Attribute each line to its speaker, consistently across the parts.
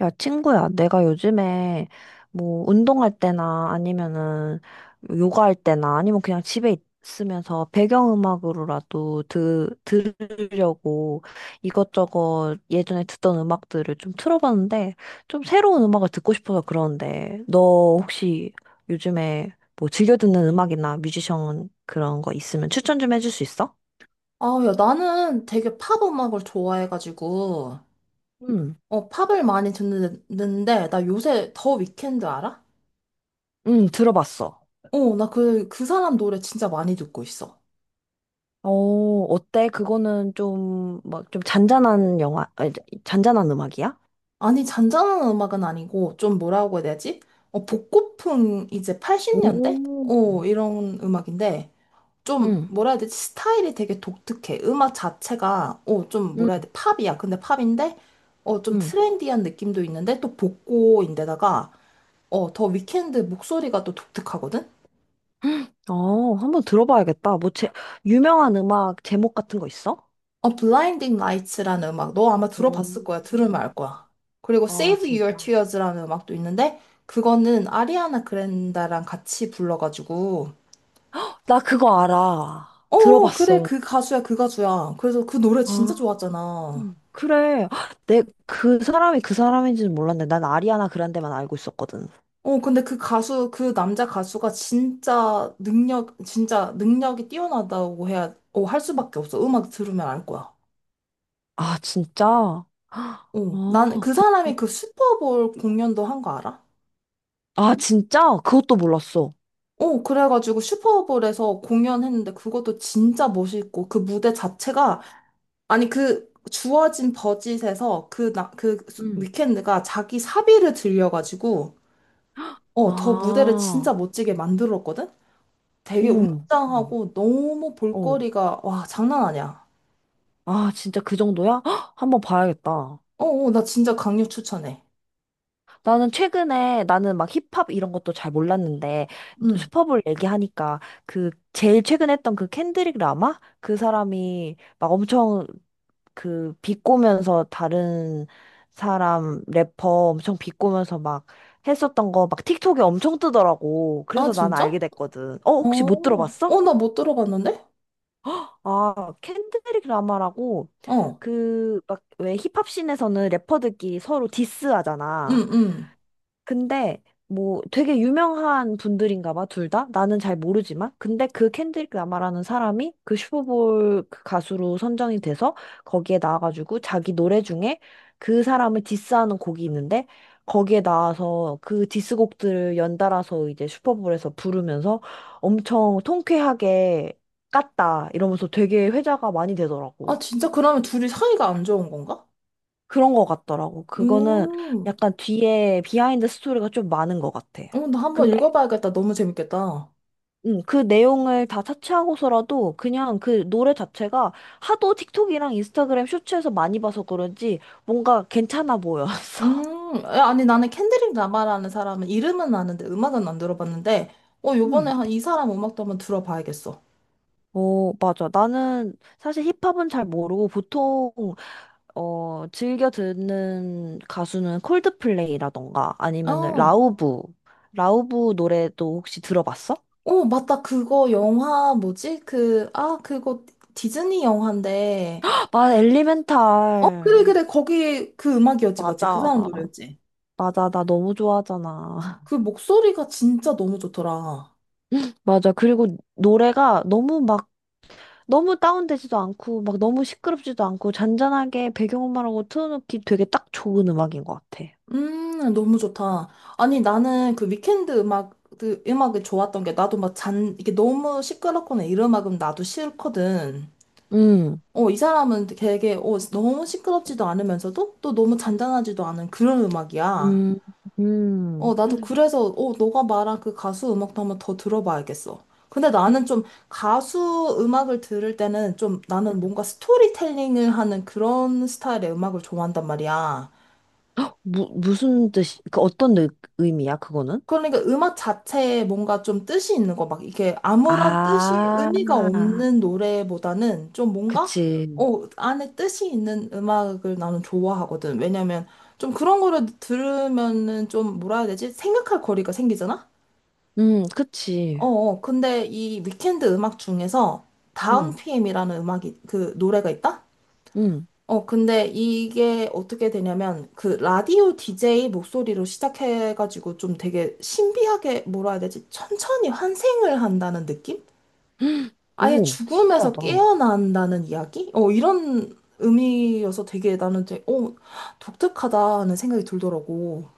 Speaker 1: 야, 친구야, 내가 요즘에 뭐 운동할 때나 아니면은 요가할 때나 아니면 그냥 집에 있으면서 배경음악으로라도 들으려고 이것저것 예전에 듣던 음악들을 좀 틀어봤는데 좀 새로운 음악을 듣고 싶어서 그러는데 너 혹시 요즘에 뭐 즐겨 듣는 음악이나 뮤지션 그런 거 있으면 추천 좀 해줄 수 있어?
Speaker 2: 아, 야, 나는 되게 팝 음악을 좋아해가지고,
Speaker 1: 응,
Speaker 2: 팝을 많이 듣는데, 나 요새 더 위켄드 알아?
Speaker 1: 응, 들어봤어.
Speaker 2: 나 그 사람 노래 진짜 많이 듣고 있어.
Speaker 1: 어, 어때? 그거는 좀, 막, 좀 잔잔한 영화, 아니, 잔잔한 음악이야?
Speaker 2: 아니, 잔잔한 음악은 아니고, 좀 뭐라고 해야 되지? 복고풍 이제 80년대?
Speaker 1: 오,
Speaker 2: 이런 음악인데, 좀
Speaker 1: 응,
Speaker 2: 뭐라 해야 되지? 스타일이 되게 독특해. 음악 자체가, 좀 뭐라 해야
Speaker 1: 응,
Speaker 2: 돼? 팝이야. 근데 팝인데, 좀
Speaker 1: 응.
Speaker 2: 트렌디한 느낌도 있는데, 또 복고인데다가, 더 위켄드 목소리가 또 독특하거든?
Speaker 1: 어, 한번 들어봐야겠다. 뭐, 유명한 음악 제목 같은 거 있어?
Speaker 2: 블라인딩 라이츠라는 음악, 너 아마
Speaker 1: 오.
Speaker 2: 들어봤을 거야. 들으면 알 거야. 그리고
Speaker 1: 아,
Speaker 2: Save Your
Speaker 1: 진짜.
Speaker 2: Tears라는 음악도 있는데, 그거는 아리아나 그랜다랑 같이 불러가지고,
Speaker 1: 나 그거 알아.
Speaker 2: 어, 어, 그래,
Speaker 1: 들어봤어.
Speaker 2: 그 가수야, 그 가수야. 그래서 그 노래 진짜
Speaker 1: 아,
Speaker 2: 좋았잖아.
Speaker 1: 그래. 그 사람이 그 사람인지는 몰랐네. 난 아리아나 그란데만 알고 있었거든.
Speaker 2: 근데 그 남자 가수가 진짜 진짜 능력이 뛰어나다고 해야, 할 수밖에 없어. 음악 들으면 알 거야.
Speaker 1: 아, 진짜? 아,
Speaker 2: 나는 그
Speaker 1: 그,
Speaker 2: 사람이 그 슈퍼볼 공연도 한 거 알아?
Speaker 1: 아, 진짜? 그것도 몰랐어.
Speaker 2: 그래가지고 슈퍼볼에서 공연했는데 그것도 진짜 멋있고 그 무대 자체가 아니 그 주어진 버짓에서 그 나 그 위켄드가 자기 사비를 들여가지고 더 무대를 진짜
Speaker 1: 아,
Speaker 2: 멋지게 만들었거든? 되게
Speaker 1: 오, 음.
Speaker 2: 웅장하고 너무
Speaker 1: 어.
Speaker 2: 볼거리가 와 장난 아니야.
Speaker 1: 아, 진짜 그 정도야? 헉, 한번 봐야겠다.
Speaker 2: 어, 어, 나 진짜 강력 추천해.
Speaker 1: 나는 최근에, 나는 막 힙합 이런 것도 잘 몰랐는데,
Speaker 2: 응.
Speaker 1: 슈퍼볼 얘기하니까, 그, 제일 최근 했던 그 켄드릭 라마? 그 사람이 막 엄청 그, 비꼬면서 다른 사람, 래퍼 엄청 비꼬면서 막 했었던 거 막 틱톡에 엄청 뜨더라고.
Speaker 2: 아,
Speaker 1: 그래서 나는
Speaker 2: 진짜?
Speaker 1: 알게 됐거든. 어,
Speaker 2: 어,
Speaker 1: 혹시 못
Speaker 2: 어,
Speaker 1: 들어봤어?
Speaker 2: 나 못 들어봤는데?
Speaker 1: 아, 켄드릭 라마라고
Speaker 2: 어,
Speaker 1: 그 막 왜 힙합씬에서는 래퍼들끼리 서로 디스하잖아.
Speaker 2: 응, 응.
Speaker 1: 근데 뭐 되게 유명한 분들인가 봐, 둘 다? 나는 잘 모르지만. 근데 그 켄드릭 라마라는 사람이 그 슈퍼볼 그 가수로 선정이 돼서 거기에 나와가지고 자기 노래 중에 그 사람을 디스하는 곡이 있는데 거기에 나와서 그 디스곡들을 연달아서 이제 슈퍼볼에서 부르면서 엄청 통쾌하게 깠다 이러면서 되게 회자가 많이
Speaker 2: 아,
Speaker 1: 되더라고.
Speaker 2: 진짜 그러면 둘이 사이가 안 좋은 건가?
Speaker 1: 그런 거 같더라고. 그거는
Speaker 2: 음.
Speaker 1: 약간 뒤에 비하인드 스토리가 좀 많은 것 같아.
Speaker 2: 나 한번 읽어봐야겠다. 너무 재밌겠다.
Speaker 1: 그 내용을 다 차치하고서라도 그냥 그 노래 자체가 하도 틱톡이랑 인스타그램 쇼츠에서 많이 봐서 그런지 뭔가 괜찮아 보였어.
Speaker 2: 음, 야, 아니, 나는 캔드릭 라마라는 사람은 이름은 아는데 음악은 안 들어봤는데, 요번에
Speaker 1: 음.
Speaker 2: 한 이 사람 음악도 한번 들어봐야겠어.
Speaker 1: 어, 맞아. 나는 사실 힙합은 잘 모르고 보통, 어, 즐겨 듣는 가수는 콜드플레이라던가 아니면은
Speaker 2: 어,
Speaker 1: 라우브. 라우브 노래도 혹시 들어봤어?
Speaker 2: 어, 맞다. 그거 영화 뭐지? 그거 디즈니 영화인데,
Speaker 1: 헉, 맞아,
Speaker 2: 그래,
Speaker 1: 엘리멘탈.
Speaker 2: 그래. 거기 그 음악이었지, 맞지? 그
Speaker 1: 맞아.
Speaker 2: 사람 노래였지?
Speaker 1: 맞아. 나 너무 좋아하잖아.
Speaker 2: 그 목소리가 진짜 너무 좋더라.
Speaker 1: 맞아. 그리고 노래가 너무 막 너무 다운되지도 않고, 막 너무 시끄럽지도 않고, 잔잔하게 배경음악으로 틀어놓기 되게 딱 좋은 음악인 것 같아.
Speaker 2: 너무 좋다. 아니, 나는 그 위켄드 음악, 그 음악이 좋았던 게 나도 막 잔, 이게 너무 시끄럽거나 이런 음악은 나도 싫거든.
Speaker 1: 음,
Speaker 2: 이 사람은 되게, 너무 시끄럽지도 않으면서도 또 너무 잔잔하지도 않은 그런 음악이야.
Speaker 1: 음, 음.
Speaker 2: 나도
Speaker 1: 음,
Speaker 2: 그래서, 너가 말한 그 가수 음악도 한번 더 들어봐야겠어. 근데 나는 좀 가수 음악을 들을 때는 좀 나는
Speaker 1: 음.
Speaker 2: 뭔가 스토리텔링을 하는 그런 스타일의 음악을 좋아한단 말이야.
Speaker 1: 무슨 뜻이, 그 어떤 의, 의미야, 그거는?
Speaker 2: 그러니까 음악 자체에 뭔가 좀 뜻이 있는 거, 막 이게 아무런
Speaker 1: 아,
Speaker 2: 의미가 없는 노래보다는 좀 뭔가,
Speaker 1: 그치.
Speaker 2: 안에 뜻이 있는 음악을 나는 좋아하거든. 왜냐면 좀 그런 거를 들으면은 좀 뭐라 해야 되지? 생각할 거리가 생기잖아?
Speaker 1: 그치.
Speaker 2: 어, 어. 근데 이 위켄드 음악 중에서 다운
Speaker 1: 음,
Speaker 2: PM이라는 음악이, 그 노래가 있다?
Speaker 1: 음.
Speaker 2: 근데 이게 어떻게 되냐면, 그 라디오 DJ 목소리로 시작해가지고 좀 되게 신비하게, 뭐라 해야 되지? 천천히 환생을 한다는 느낌? 아예
Speaker 1: 오,
Speaker 2: 죽음에서
Speaker 1: 신기하다.
Speaker 2: 깨어난다는 이야기? 이런 의미여서 되게 나는 되게, 독특하다는 생각이 들더라고.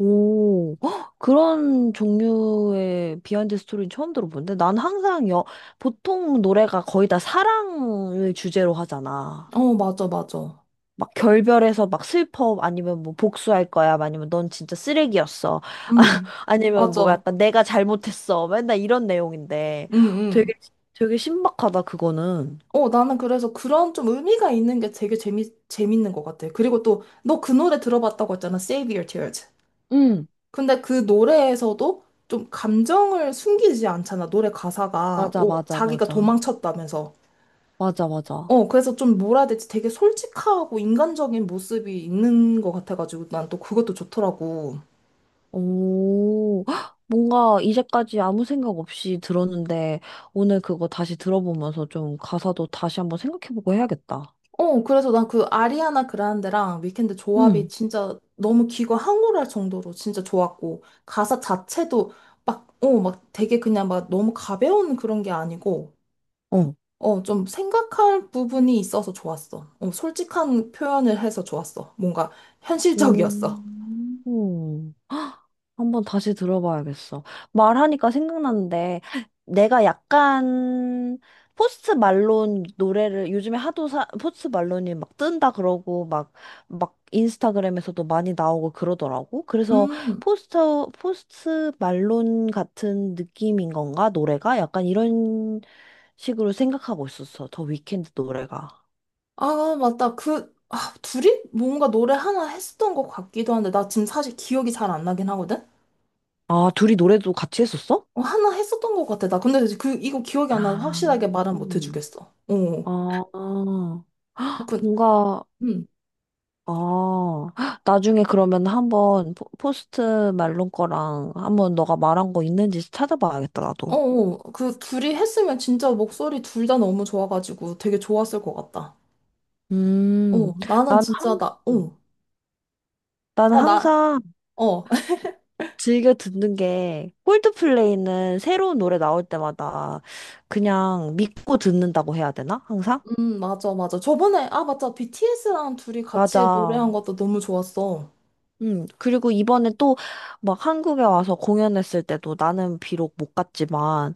Speaker 1: 오, 헉, 그런 종류의 비하인드 스토리는 처음 들어보는데 보통 노래가 거의 다 사랑을 주제로 하잖아.
Speaker 2: 어, 맞아, 맞아.
Speaker 1: 막 결별해서 막 슬퍼 아니면 뭐 복수할 거야 아니면 넌 진짜 쓰레기였어 아,
Speaker 2: 음,
Speaker 1: 아니면 뭐
Speaker 2: 맞아.
Speaker 1: 약간 내가 잘못했어 맨날 이런 내용인데
Speaker 2: 음, 음.
Speaker 1: 되게 되게 신박하다 그거는.
Speaker 2: 나는 그래서 그런 좀 의미가 있는 게 되게 재밌는 것 같아. 그리고 또, 너 그 노래 들어봤다고 했잖아. Save Your Tears.
Speaker 1: 응,
Speaker 2: 근데 그 노래에서도 좀 감정을 숨기지 않잖아, 노래 가사가.
Speaker 1: 맞아, 맞아,
Speaker 2: 자기가
Speaker 1: 맞아,
Speaker 2: 도망쳤다면서.
Speaker 1: 맞아, 맞아.
Speaker 2: 그래서 좀 뭐라 해야 될지 되게 솔직하고 인간적인 모습이 있는 것 같아가지고 난 또 그것도 좋더라고.
Speaker 1: 오, 헉, 뭔가 이제까지 아무 생각 없이 들었는데 오늘 그거 다시 들어보면서 좀 가사도 다시 한번 생각해보고 해야겠다.
Speaker 2: 그래서 난 그 아리아나 그란데랑 위켄드 조합이
Speaker 1: 응,
Speaker 2: 진짜 너무 귀가 항홀할 정도로 진짜 좋았고, 가사 자체도 되게 그냥 막 너무 가벼운 그런 게 아니고,
Speaker 1: 어.
Speaker 2: 좀 생각할 부분이 있어서 좋았어. 솔직한 표현을 해서 좋았어. 뭔가 현실적이었어.
Speaker 1: 오. 한번 다시 들어봐야겠어. 말하니까 생각났는데, 내가 약간, 포스트 말론 노래를 요즘에 포스트 말론이 막 뜬다 그러고, 막, 막 인스타그램에서도 많이 나오고 그러더라고. 그래서
Speaker 2: 음,
Speaker 1: 포스트, 포스트 말론 같은 느낌인 건가? 노래가? 약간 이런 식으로 생각하고 있었어. 더 위켄드 노래가.
Speaker 2: 아, 맞다. 둘이 뭔가 노래 하나 했었던 것 같기도 한데, 나 지금 사실 기억이 잘 안 나긴 하거든?
Speaker 1: 아, 둘이 노래도 같이 했었어?
Speaker 2: 하나 했었던 것 같아. 나 근데 이거 기억이 안 나서
Speaker 1: 아,
Speaker 2: 확실하게 말은 못
Speaker 1: 음.
Speaker 2: 해주겠어. 어,
Speaker 1: 아,
Speaker 2: 그,
Speaker 1: 뭔가,
Speaker 2: 음.
Speaker 1: 아, 헉, 나중에 그러면 한번 포스트 말론 거랑 한번 너가 말한 거 있는지 찾아봐야겠다, 나도.
Speaker 2: 어, 어, 그 둘이 했으면 진짜 목소리 둘 다 너무 좋아가지고 되게 좋았을 것 같다. 어,
Speaker 1: 음,
Speaker 2: 나는
Speaker 1: 난
Speaker 2: 진짜
Speaker 1: 항,
Speaker 2: 나,
Speaker 1: 음.
Speaker 2: 어,
Speaker 1: 나는
Speaker 2: 아, 나,
Speaker 1: 항상
Speaker 2: 어.
Speaker 1: 즐겨 듣는 게 콜드플레이는 새로운 노래 나올 때마다 그냥 믿고 듣는다고 해야 되나? 항상?
Speaker 2: 맞아, 맞아. 저번에, 아, 맞다. BTS랑 둘이 같이
Speaker 1: 맞아.
Speaker 2: 노래한 것도 너무 좋았어.
Speaker 1: 그리고 이번에 또 막 한국에 와서 공연했을 때도 나는 비록 못 갔지만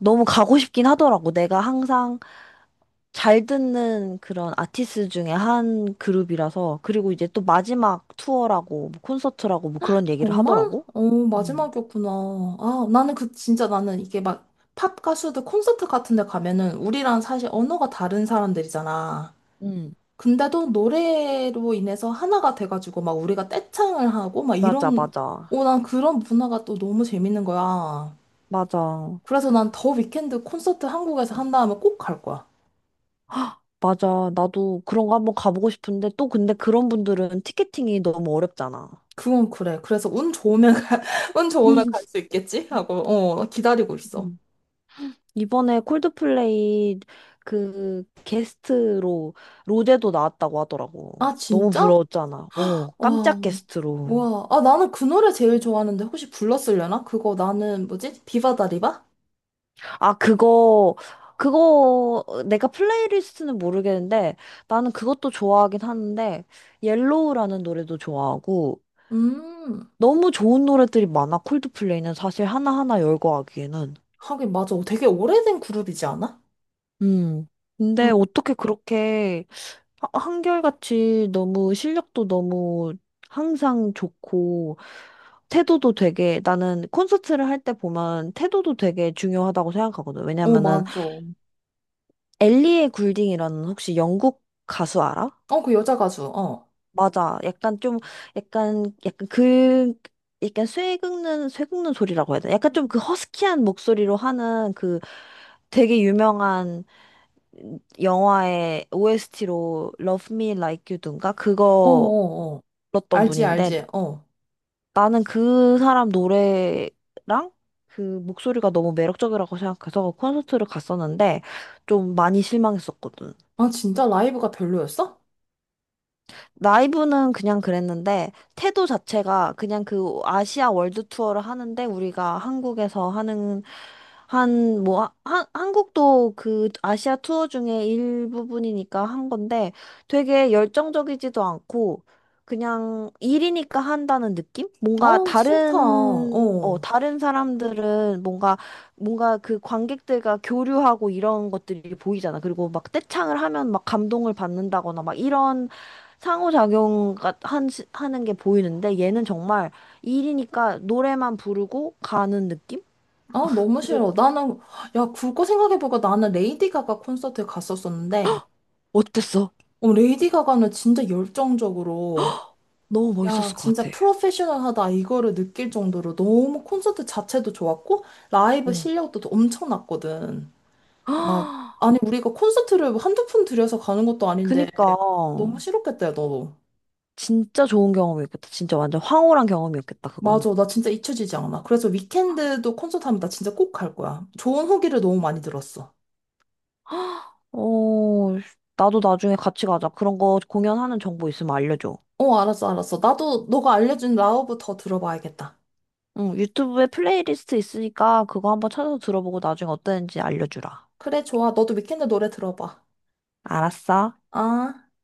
Speaker 1: 너무 가고 싶긴 하더라고. 내가 항상 잘 듣는 그런 아티스트 중에 한 그룹이라서 그리고 이제 또 마지막 투어라고 뭐 콘서트라고 뭐 그런 얘기를
Speaker 2: 정말?
Speaker 1: 하더라고. 음.
Speaker 2: 마지막이었구나. 아, 나는 진짜 나는 이게 막, 팝 가수들 콘서트 같은 데 가면은, 우리랑 사실 언어가 다른 사람들이잖아.
Speaker 1: 음,
Speaker 2: 근데도 노래로 인해서 하나가 돼가지고, 막 우리가 떼창을 하고, 막
Speaker 1: 맞아,
Speaker 2: 이런,
Speaker 1: 맞아.
Speaker 2: 오, 난 그런 문화가 또 너무 재밌는 거야.
Speaker 1: 맞아.
Speaker 2: 그래서 난 더 위켄드 콘서트 한국에서 한다음에 꼭 갈 거야.
Speaker 1: 맞아. 나도 그런 거 한번 가보고 싶은데 또 근데 그런 분들은 티켓팅이 너무 어렵잖아.
Speaker 2: 그건 그래. 그래서 운 좋으면 가, 운 좋으면 갈 수 있겠지? 하고 어 기다리고 있어.
Speaker 1: 음. 이번에 콜드플레이 그 게스트로 로제도 나왔다고 하더라고.
Speaker 2: 아
Speaker 1: 너무
Speaker 2: 진짜?
Speaker 1: 부러웠잖아. 오,
Speaker 2: 와.
Speaker 1: 깜짝 게스트로.
Speaker 2: 와. 아 나는 그 노래 제일 좋아하는데 혹시 불렀으려나? 그거 나는 뭐지? 비바다리바?
Speaker 1: 아, 그거, 내가 플레이리스트는 모르겠는데, 나는 그것도 좋아하긴 하는데, 옐로우라는 노래도 좋아하고,
Speaker 2: 음.
Speaker 1: 너무 좋은 노래들이 많아, 콜드플레이는 사실 하나하나 열거 하기에는.
Speaker 2: 하긴 맞아. 되게 오래된 그룹이지 않아?
Speaker 1: 음.
Speaker 2: 음.
Speaker 1: 근데 어떻게 그렇게 한결같이 너무 실력도 너무 항상 좋고, 태도도 되게, 나는 콘서트를 할 때 보면 태도도 되게 중요하다고 생각하거든.
Speaker 2: 어
Speaker 1: 왜냐면은
Speaker 2: 맞아. 어
Speaker 1: 엘리의 굴딩이라는 혹시 영국 가수 알아?
Speaker 2: 그 여자 가수. 어.
Speaker 1: 맞아. 약간 좀 약간 그 약간 쇠 긁는 소리라고 해야 되나? 약간 좀 그 허스키한 목소리로 하는 그 되게 유명한 영화의 OST로 Love Me Like You 든가
Speaker 2: 어
Speaker 1: 그거
Speaker 2: 어, 어.
Speaker 1: 불렀던
Speaker 2: 알지
Speaker 1: 분인데
Speaker 2: 알지. 어.
Speaker 1: 나는 그 사람 노래랑 그 목소리가 너무 매력적이라고 생각해서 콘서트를 갔었는데 좀 많이 실망했었거든.
Speaker 2: 아 진짜 라이브가 별로였어?
Speaker 1: 라이브는 그냥 그랬는데, 태도 자체가 그냥 그 아시아 월드 투어를 하는데, 우리가 한국에서 하는, 한, 뭐, 하- 한, 한국도 그 아시아 투어 중에 일부분이니까 한 건데, 되게 열정적이지도 않고, 그냥 일이니까 한다는 느낌? 뭔가
Speaker 2: 어 싫다.
Speaker 1: 다른, 어,
Speaker 2: 어.
Speaker 1: 다른 사람들은 뭔가, 뭔가 그 관객들과 교류하고 이런 것들이 보이잖아. 그리고 막 떼창을 하면 막 감동을 받는다거나 막 이런 상호작용 가 한, 시- 하는 게 보이는데 얘는 정말 일이니까 노래만 부르고 가는 느낌?
Speaker 2: 아, 너무
Speaker 1: 그래서
Speaker 2: 싫어. 나는, 야, 그거 생각해보니까 나는 레이디 가가 콘서트에 갔었었는데,
Speaker 1: 어땠어?
Speaker 2: 레이디 가가는 진짜 열정적으로,
Speaker 1: 너무
Speaker 2: 야,
Speaker 1: 멋있었을 것
Speaker 2: 진짜
Speaker 1: 같아.
Speaker 2: 프로페셔널하다, 이거를 느낄 정도로 너무 콘서트 자체도 좋았고, 라이브
Speaker 1: 어.
Speaker 2: 실력도 엄청났거든. 아, 아니, 우리가 콘서트를 한두 푼 들여서 가는 것도 아닌데,
Speaker 1: 그니까
Speaker 2: 너무 싫었겠다, 야, 너.
Speaker 1: 진짜 좋은 경험이었겠다. 진짜 완전 황홀한 경험이었겠다, 그거는.
Speaker 2: 맞아, 나 진짜 잊혀지지 않아. 그래서 위켄드도 콘서트 하면 나 진짜 꼭 갈 거야. 좋은 후기를 너무 많이 들었어.
Speaker 1: 어, 나도 나중에 같이 가자. 그런 거 공연하는 정보 있으면 알려줘.
Speaker 2: 알았어, 알았어. 나도 너가 알려준 라우브 더 들어봐야겠다.
Speaker 1: 응, 유튜브에 플레이리스트 있으니까 그거 한번 찾아서 들어보고 나중에 어땠는지 알려주라.
Speaker 2: 그래, 좋아. 너도 위켄드 노래 들어봐.
Speaker 1: 알았어?
Speaker 2: 아.